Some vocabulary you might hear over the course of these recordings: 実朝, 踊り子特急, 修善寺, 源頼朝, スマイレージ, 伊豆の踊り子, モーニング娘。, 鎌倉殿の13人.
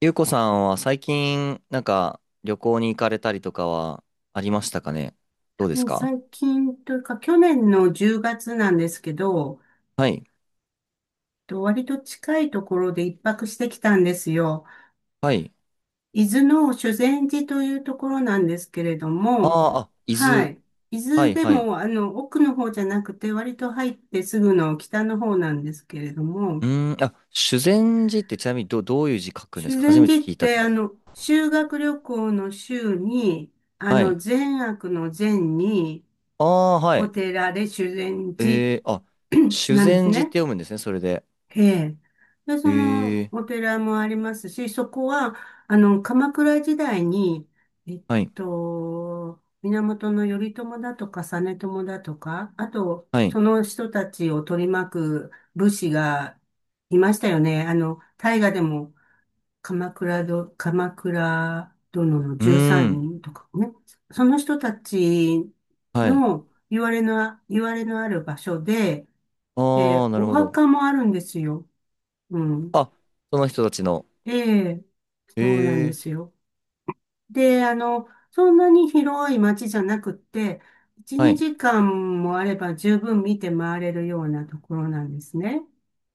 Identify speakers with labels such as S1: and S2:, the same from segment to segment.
S1: ゆうこさんは最近、なんか、旅行に行かれたりとかはありましたかね。どうで
S2: も
S1: す
S2: う
S1: か？
S2: 最近というか、去年の10月なんですけど、
S1: はい。
S2: と割と近いところで一泊してきたんですよ。
S1: はい。
S2: 伊豆の修善寺というところなんですけれど
S1: あ
S2: も、
S1: あ、あ、伊
S2: は
S1: 豆。
S2: い。伊
S1: は
S2: 豆
S1: い、
S2: で
S1: はい。
S2: も、奥の方じゃなくて、割と入ってすぐの北の方なんですけれど
S1: う
S2: も、
S1: ーん、あ、修善寺ってちなみにどういう字書くんです
S2: 修
S1: か？初
S2: 善
S1: めて
S2: 寺っ
S1: 聞いた
S2: て、
S1: 気がする。
S2: 修学旅行の修に、
S1: はい。
S2: 善悪の善に、
S1: ああ、は
S2: お
S1: い。
S2: 寺で修善寺
S1: あ、修
S2: なんです
S1: 善寺っ
S2: ね。
S1: て読むんですね、それで。
S2: ええ。で、
S1: え
S2: その
S1: ー、
S2: お寺もありますし、そこは、鎌倉時代に、えっ
S1: はい、
S2: 源頼朝だとか実朝だとか、あと、
S1: は
S2: そ
S1: い。
S2: の人たちを取り巻く武士がいましたよね。大河でも鎌倉殿の
S1: うー
S2: 13
S1: ん、
S2: 人とかね。その人たち
S1: はい。
S2: の言われのある場所で、
S1: ああ、
S2: で、
S1: なる
S2: お
S1: ほど。
S2: 墓もあるんですよ。うん。
S1: あ、その人たちの。
S2: ええ、
S1: え
S2: そうなんで
S1: ー、
S2: すよ。で、そんなに広い街じゃなくって、1、
S1: はい、
S2: 2時間もあれば十分見て回れるようなところなんですね。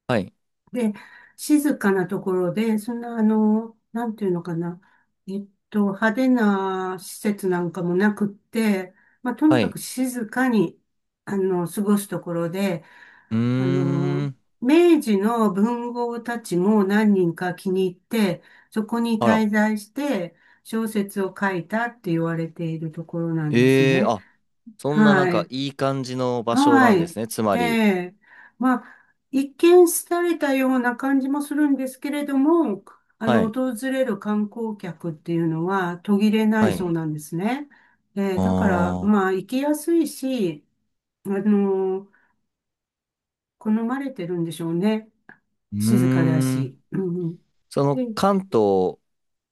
S1: はい、
S2: で、静かなところで、そんな、なんていうのかな、派手な施設なんかもなくって、まあ、とに
S1: は
S2: かく
S1: い。
S2: 静かに、過ごすところで、
S1: うー
S2: あの、
S1: ん、
S2: 明治の文豪たちも何人か気に入って、そこに
S1: あら。
S2: 滞在して小説を書いたって言われているところなんです
S1: ええー、
S2: ね。
S1: あ、そんななん
S2: は
S1: か
S2: い。
S1: いい感じの場所な
S2: は
S1: んで
S2: い。
S1: すね。つま
S2: え
S1: り。
S2: え。まあ、一見廃れたような感じもするんですけれども、
S1: はい。
S2: 訪れる観光客っていうのは途切れな
S1: は
S2: いそう
S1: い。
S2: なんですね。ええ、
S1: あ
S2: だから、
S1: あ。
S2: まあ、行きやすいし、あの、好まれてるんでしょうね。
S1: う
S2: 静かだ
S1: ーん。
S2: し。うん、うん。
S1: その
S2: で、
S1: 関東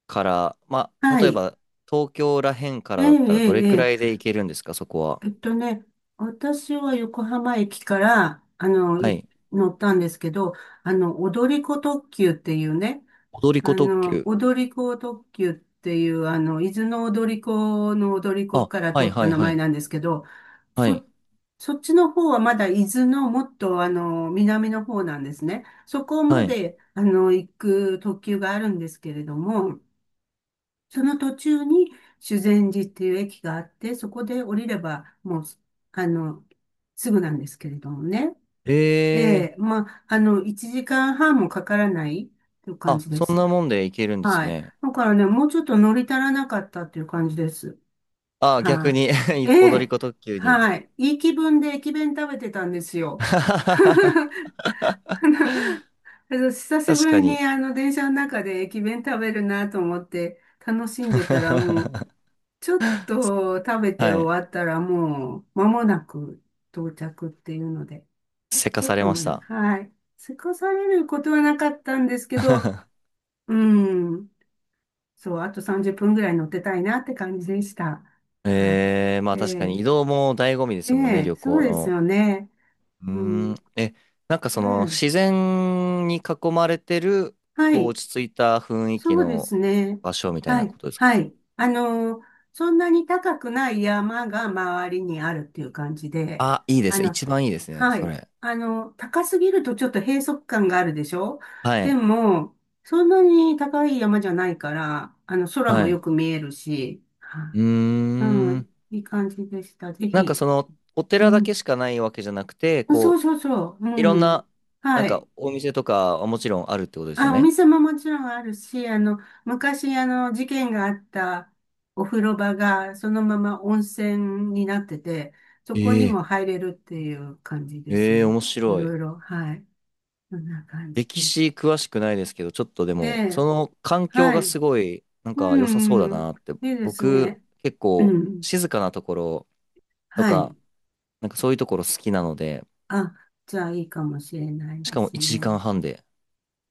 S1: から、まあ、
S2: は
S1: 例え
S2: い。
S1: ば東京らへんから
S2: ええ、
S1: だっ
S2: え
S1: たらどれ
S2: え、
S1: く
S2: え
S1: らい
S2: え。
S1: で行けるんですか、そこは？
S2: えっとね、私は横浜駅から、
S1: はい。
S2: 乗ったんですけど、踊り子特急っていうね、
S1: 踊り子特急。
S2: 踊り子特急っていう、伊豆の踊り子の踊り子
S1: あ、
S2: から
S1: はい
S2: 取った
S1: はい
S2: 名
S1: は
S2: 前
S1: い。
S2: なんですけど、
S1: はい。
S2: そ、そっちの方はまだ伊豆のもっと、南の方なんですね。そこま
S1: はい。
S2: で、行く特急があるんですけれども、その途中に修善寺っていう駅があって、そこで降りれば、もう、あの、すぐなんですけれどもね。
S1: ええ
S2: え
S1: ー、
S2: まあ、1時間半もかからないという感
S1: あ、
S2: じで
S1: そん
S2: す。
S1: なもんで行けるんです
S2: はい。
S1: ね。
S2: だからね、もうちょっと乗り足らなかったっていう感じです。
S1: あ、逆
S2: は
S1: に
S2: い。え
S1: 踊り
S2: え、
S1: 子特急に。
S2: はい。いい気分で駅弁食べてたんです よ。あ
S1: 確
S2: の久しぶ
S1: か
S2: りに
S1: に。
S2: 電車の中で駅弁食べるなと思って楽しんでたらもう ちょっと食べて
S1: はい。
S2: 終わったらもう間もなく到着っていうので、
S1: せか
S2: ちょ
S1: さ
S2: っ
S1: れ
S2: と
S1: ま
S2: も
S1: し
S2: ね、
S1: た。
S2: はい。過ごされることはなかったんですけど、うん。そう、あと30分ぐらい乗ってたいなって感じでした。はい。
S1: ええ、まあ
S2: え
S1: 確かに移
S2: え、
S1: 動も醍醐味で
S2: え
S1: すもんね、
S2: え、
S1: 旅
S2: そ
S1: 行
S2: うです
S1: の。
S2: よね。
S1: うー
S2: う
S1: ん。
S2: ん。
S1: なんか
S2: え
S1: その自
S2: え、
S1: 然に囲まれてる、
S2: は
S1: こう
S2: い。
S1: 落ち着いた雰囲気
S2: そうで
S1: の
S2: すね。
S1: 場所みたい
S2: は
S1: な
S2: い、
S1: ことですか？
S2: はい。そんなに高くない山が周りにあるっていう感じで、
S1: あ、いいで
S2: あ
S1: すね。
S2: の、
S1: 一番いいですね、
S2: は
S1: そ
S2: い。
S1: れ。
S2: 高すぎるとちょっと閉塞感があるでしょ。
S1: は
S2: で
S1: い。
S2: も、そんなに高い山じゃないから、空も
S1: はい。
S2: よ
S1: う
S2: く見えるし、は
S1: ー
S2: い、うん、
S1: ん。
S2: いい感じでした。ぜ
S1: なんか
S2: ひ。
S1: そのお
S2: う
S1: 寺だけ
S2: ん。
S1: しかないわけじゃなくて、
S2: そ
S1: こ
S2: う
S1: う、
S2: そうそう。う
S1: いろん
S2: ん。
S1: な、なん
S2: はい。
S1: かお店とかはもちろんあるってことですよ
S2: あ、お
S1: ね。
S2: 店ももちろんあるし、昔、事件があったお風呂場が、そのまま温泉になってて、そこに
S1: え
S2: も
S1: え、
S2: 入れるっていう感じです
S1: ええ、
S2: ね。
S1: 面
S2: い
S1: 白い。
S2: ろいろ、はい。そんな感じ
S1: 歴
S2: です。
S1: 史詳しくないですけど、ちょっとで
S2: え
S1: も、そ
S2: え、
S1: の環境
S2: は
S1: が
S2: い。
S1: すごい、なん
S2: う
S1: か良さそう
S2: ん、
S1: だ
S2: うん、
S1: なって、
S2: いいです
S1: 僕、
S2: ね。
S1: 結
S2: う
S1: 構、
S2: ん、
S1: 静かなところと
S2: は
S1: か、
S2: い。
S1: なんかそういうところ好きなので、
S2: あ、じゃあいいかもしれない
S1: し
S2: で
S1: かも
S2: す
S1: 1時
S2: ね。
S1: 間半で。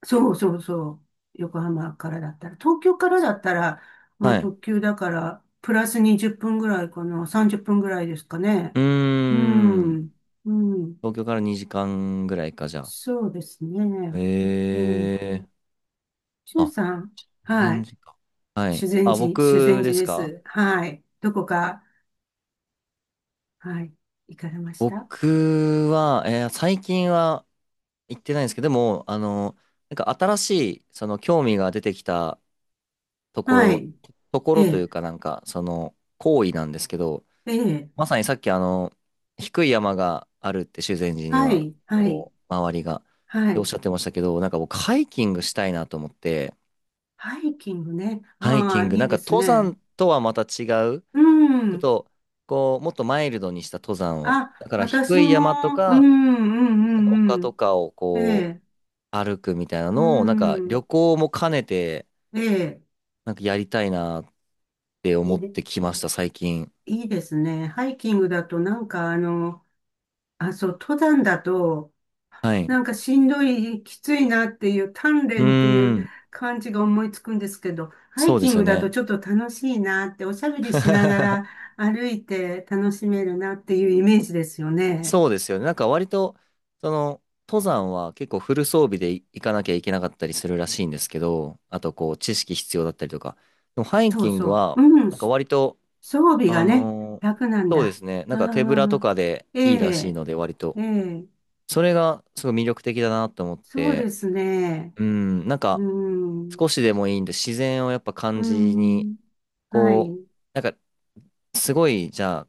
S2: そうそうそう。横浜からだったら。東京からだったら、まあ
S1: はい。
S2: 特急だから、プラス20分ぐらいかな。30分ぐらいですかね。
S1: うー
S2: う
S1: ん。
S2: ん。うん。
S1: 東京から2時間ぐらいか、じゃ
S2: そうです
S1: あ。
S2: ね。えー、しゅん
S1: あ、
S2: さん。は
S1: 全
S2: い。
S1: 時間。はい。
S2: 修善
S1: あ、
S2: 寺、修
S1: 僕
S2: 善
S1: で
S2: 寺
S1: す
S2: で
S1: か？
S2: す。はい。どこか、はい。行かれました？
S1: 僕は、最近は行ってないんですけど、でも、なんか新しい、その興味が出てきたとこ
S2: は
S1: ろ、
S2: い。
S1: とこ
S2: え
S1: ろという
S2: え、
S1: かなんか、その行為なんですけど、
S2: ええ、
S1: まさにさっき低い山があるって修善寺に
S2: は
S1: は、
S2: い、はい、
S1: こう、周りが、
S2: は
S1: っておっ
S2: い。
S1: しゃってましたけど、なんか僕ハイキングしたいなと思って、
S2: ハイキングね。
S1: ハイキ
S2: あ
S1: ン
S2: あ、
S1: グ、
S2: いい
S1: なん
S2: で
S1: か
S2: す
S1: 登
S2: ね。
S1: 山とはまた違う、
S2: う
S1: ちょっ
S2: ん。
S1: と、こう、もっとマイルドにした登山を、
S2: あ、
S1: だから
S2: 私
S1: 低い山と
S2: も、うん、う
S1: か、なんか丘
S2: ん、うん、
S1: とかを
S2: うん。え
S1: こう、
S2: え、
S1: 歩くみたいな
S2: う
S1: のを、なんか
S2: ん、
S1: 旅行も兼ねて、
S2: ええ、
S1: なんかやりたいなって
S2: い
S1: 思
S2: い
S1: っ
S2: で、
S1: てきました、最近。
S2: いいですね。ハイキングだと、なんかあ、そう、登山だと、
S1: はい。
S2: なんかしんどい、きついなっていう、鍛
S1: うー
S2: 錬っていう
S1: ん、
S2: 感じが思いつくんですけど、ハイ
S1: そうで
S2: キ
S1: す
S2: ン
S1: よ
S2: グだと
S1: ね。
S2: ちょっと楽しいなって、おしゃべりしながら 歩いて楽しめるなっていうイメージですよね。
S1: そうですよね。なんか割と、その、登山は結構フル装備で行かなきゃいけなかったりするらしいんですけど、あとこう、知識必要だったりとか。でもハイ
S2: そう
S1: キン
S2: そ
S1: グ
S2: う。
S1: は、
S2: うん、
S1: なんか
S2: 装
S1: 割と、
S2: 備が
S1: あ
S2: ね、
S1: のー
S2: 楽なん
S1: そうで
S2: だ。
S1: すね。な
S2: あ
S1: んか手ぶらと
S2: あ、
S1: かで
S2: え
S1: いいらしい
S2: え、
S1: ので、割
S2: え
S1: と。
S2: え、
S1: それがすごい魅力的だなと思っ
S2: そう
S1: て、
S2: ですね。
S1: うん、なん
S2: う
S1: か
S2: ん、
S1: 少しでもいいんで、自然をやっぱ
S2: う
S1: 感じに、
S2: ん、は
S1: こ
S2: い、
S1: う、なんかすごい、じゃあ、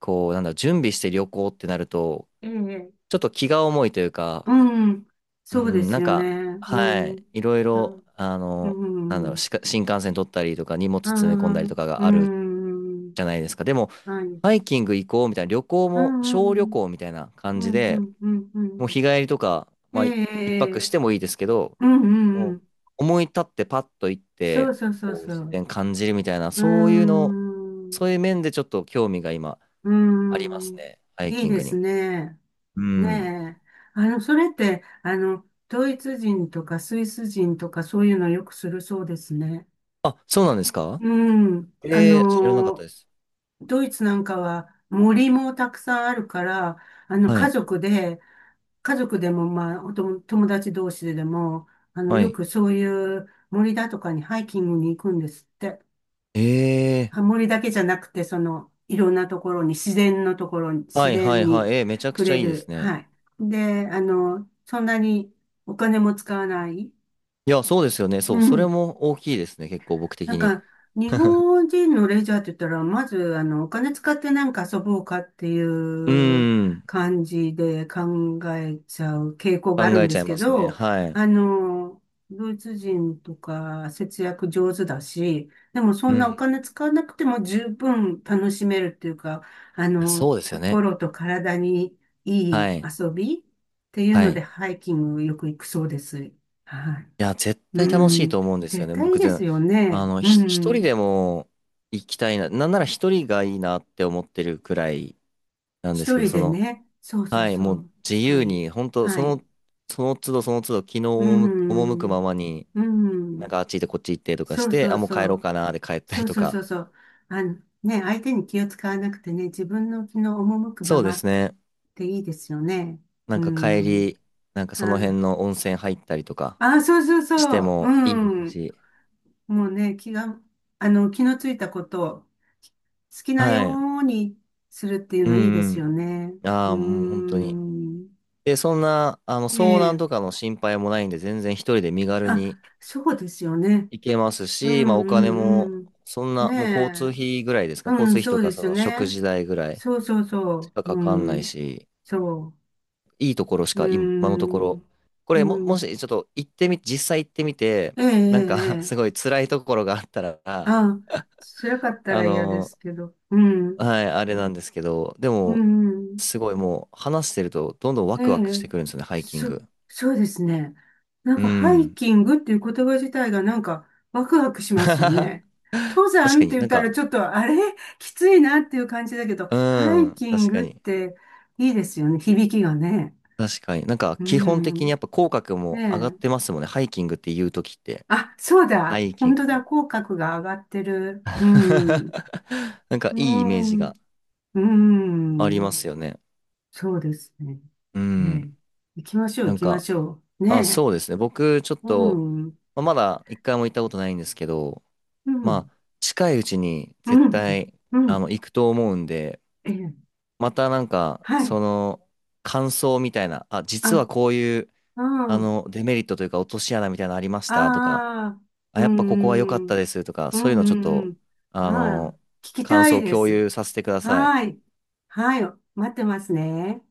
S1: こう、なんだろう、準備して旅行ってなると、
S2: ええ、
S1: ちょっと気が重いというか、
S2: うん、
S1: う
S2: そうで
S1: ん、
S2: す
S1: なん
S2: よね。
S1: か、は
S2: うん、
S1: い、いろい
S2: あ、
S1: ろ、
S2: う
S1: なんだろう、
S2: ん、
S1: しか新幹線取ったりとか、荷物
S2: あ
S1: 詰め込んだり
S2: あ、
S1: とか
S2: う
S1: がある
S2: ん、
S1: じゃないですか。でも、
S2: はい、
S1: ハイキング行こうみたいな、旅行
S2: う
S1: も、
S2: ん、う
S1: 小旅
S2: ん、
S1: 行みたいな感
S2: う
S1: じ
S2: ん、
S1: で、
S2: うん、う
S1: もう
S2: ん、
S1: 日帰りとか、
S2: え
S1: まあ、い
S2: え、
S1: 一
S2: え
S1: 泊
S2: え、
S1: してもいいですけど、
S2: うん、うん、
S1: も
S2: う
S1: う
S2: ん、
S1: 思い立ってパッと行っ
S2: そう
S1: て、
S2: そうそう
S1: こう、
S2: そ
S1: 自
S2: う。
S1: 然感じるみたいな、
S2: う
S1: そういうの、
S2: ん、
S1: そういう面でちょっと興味が今
S2: う
S1: あります
S2: ん、
S1: ね、ハイ
S2: いい
S1: キン
S2: で
S1: グ
S2: す
S1: に。
S2: ね。
S1: うん。
S2: ねえ。それって、ドイツ人とかスイス人とかそういうのよくするそうですね。
S1: あ、そうなんですか？
S2: うん。
S1: 知らなかったです。
S2: ドイツなんかは森もたくさんあるから、
S1: は
S2: 家
S1: い。
S2: 族で、家族でも、まあ、おとも友達同士ででも、
S1: は
S2: よ
S1: い。
S2: くそういう森だとかにハイキングに行くんですって。ハ
S1: え
S2: モリだけじゃなくて、その、いろんなところに、自然のところに、
S1: は
S2: 自
S1: いは
S2: 然
S1: いはい。
S2: に
S1: めちゃく
S2: 触
S1: ちゃ
S2: れ
S1: いいです
S2: る。
S1: ね。
S2: はい。で、そんなにお金も使わない。
S1: いや、そうですよね。
S2: う
S1: そう、それ
S2: ん。
S1: も大きいですね。結構僕
S2: なん
S1: 的に。
S2: か、日 本人のレジャーって言ったら、まず、お金使ってなんか遊ぼうかってい
S1: う
S2: う
S1: ーん。
S2: 感じで考えちゃう傾向
S1: 考
S2: があるん
S1: え
S2: で
S1: ちゃ
S2: す
S1: い
S2: け
S1: ますね。
S2: ど、
S1: はい。
S2: あの、ドイツ人とか節約上手だし、でもそ
S1: う
S2: んなお
S1: ん。
S2: 金使わなくても十分楽しめるっていうか、
S1: そうですよね。
S2: 心と体にいい
S1: はい。
S2: 遊びっていう
S1: は
S2: の
S1: い。
S2: で、
S1: い
S2: ハイキングよく行くそうです。はい。
S1: や、絶
S2: う
S1: 対楽しい
S2: ん、
S1: と思うんですよ
S2: 絶
S1: ね。
S2: 対
S1: 僕
S2: です
S1: 全、
S2: よね。う
S1: 一人
S2: ん、
S1: でも行きたいな。なんなら一人がいいなって思ってるくらいなんです
S2: 一
S1: けど、
S2: 人
S1: そ
S2: で
S1: の、
S2: ね。そうそう
S1: はい、
S2: そ
S1: もう
S2: う、
S1: 自
S2: 一
S1: 由
S2: 人。
S1: に、本当そ
S2: はい。
S1: の、その都度その都度、気の
S2: う
S1: 赴く
S2: ん、
S1: ままに、
S2: う
S1: なん
S2: ん、
S1: かあっち行ってこっち行ってとか
S2: そ
S1: し
S2: う
S1: て、
S2: そ
S1: あ、
S2: う
S1: もう
S2: そ
S1: 帰ろう
S2: う、
S1: かな、で帰った
S2: そ
S1: り
S2: う
S1: と
S2: そうそ
S1: か。
S2: うそう。あの、ね、相手に気を使わなくてね、自分の気の赴くま
S1: そうで
S2: まっ
S1: すね。
S2: ていいですよね。
S1: な
S2: う
S1: んか帰
S2: ん、
S1: り、なんかその辺
S2: あ、
S1: の温泉入ったりとか
S2: あ、そうそう
S1: し
S2: そ
S1: て
S2: う、う
S1: もいいです
S2: ん、
S1: し。
S2: もうね、気が、気のついたことを好きな
S1: は
S2: よ
S1: い。
S2: うにするっていう
S1: う
S2: のいいです
S1: ん
S2: よね。
S1: うん。
S2: う
S1: あ
S2: ー
S1: あ、もう本当に。
S2: ん。
S1: で、そんな、
S2: え
S1: 遭難と
S2: え。
S1: かの心配もないんで、全然一人で身軽
S2: あ、
S1: に
S2: そうですよね。
S1: 行けます
S2: う
S1: し、ま
S2: ん、
S1: あお金も、
S2: うん、うん。
S1: そんな、
S2: ね
S1: もう交通
S2: え。
S1: 費ぐらいですか、交
S2: う
S1: 通
S2: ん、
S1: 費
S2: そ
S1: と
S2: う
S1: か
S2: で
S1: そ
S2: すよ
S1: の食
S2: ね。
S1: 事代ぐらい。
S2: そうそう
S1: し
S2: そ
S1: か
S2: う。
S1: か
S2: う
S1: かんない
S2: ん。
S1: し、
S2: そ
S1: いいところし
S2: う。うー
S1: か今のとこ
S2: ん。
S1: ろ、こ
S2: う
S1: れも、も
S2: ん。
S1: しちょっと行ってみ、実際行ってみて、
S2: ええ、ええ、
S1: なんか
S2: え
S1: すご
S2: え。
S1: い辛いところがあったら、
S2: あ、辛かった
S1: あ
S2: ら嫌です
S1: の、
S2: けど。うん。
S1: はい、あれなんですけど、で
S2: う
S1: も、
S2: ん、うん。
S1: すごいもう話してるとどんどんワ
S2: え
S1: クワクし
S2: え、
S1: てくるんですよね、ハイキン
S2: そ、
S1: グ。
S2: そうですね。なん
S1: う
S2: かハイ
S1: ん。
S2: キングっていう言葉自体がなんかワクワクし ますよ
S1: 確
S2: ね。登山
S1: か
S2: って
S1: に
S2: 言っ
S1: なん
S2: たら
S1: か、
S2: ちょっとあれ きついなっていう感じだけど、
S1: う
S2: ハイ
S1: ん、
S2: キン
S1: 確か
S2: グっ
S1: に。
S2: ていいですよね。響きがね。
S1: 確かに。なんか
S2: う
S1: 基本的に
S2: ん。
S1: やっぱ口角
S2: ね
S1: も上がっ
S2: え。
S1: てますもんね、ハイキングって言うときって。
S2: あ、そう
S1: ハ
S2: だ。
S1: イキ
S2: 本
S1: ン
S2: 当だ。
S1: グ。
S2: 口角が上がってる。うん。
S1: なんか
S2: う
S1: いいイメージが。
S2: ん。う
S1: ありま
S2: ん。
S1: すよね。
S2: そうですね。
S1: う
S2: え
S1: ん。
S2: え。行きましょう、
S1: な
S2: 行
S1: ん
S2: きま
S1: か、
S2: しょう。
S1: あ、
S2: ね
S1: そうですね。僕、ちょっ
S2: え。う
S1: と、
S2: ん。
S1: まあ、まだ一回も行ったことないんですけど、
S2: う
S1: ま
S2: ん。
S1: あ、近いうちに
S2: う
S1: 絶
S2: ん。
S1: 対、
S2: うん。
S1: 行くと思うんで、
S2: ええ。
S1: またなんか、
S2: はい。
S1: その、感想みたいな、あ、実は
S2: あ、
S1: こういう、
S2: うん。
S1: デメリットというか、落とし穴みたいなのありましたとか、
S2: ああ。
S1: あ、
S2: う
S1: やっぱここは良かっ
S2: ん。う
S1: た
S2: ん。
S1: ですとか、
S2: う
S1: そういうのちょっ
S2: ん。う
S1: と、
S2: ん。
S1: あ
S2: ああ。
S1: の、
S2: 聞き
S1: 感
S2: た
S1: 想
S2: い
S1: を
S2: で
S1: 共
S2: す。
S1: 有させてください。
S2: はい。はい。待ってますね。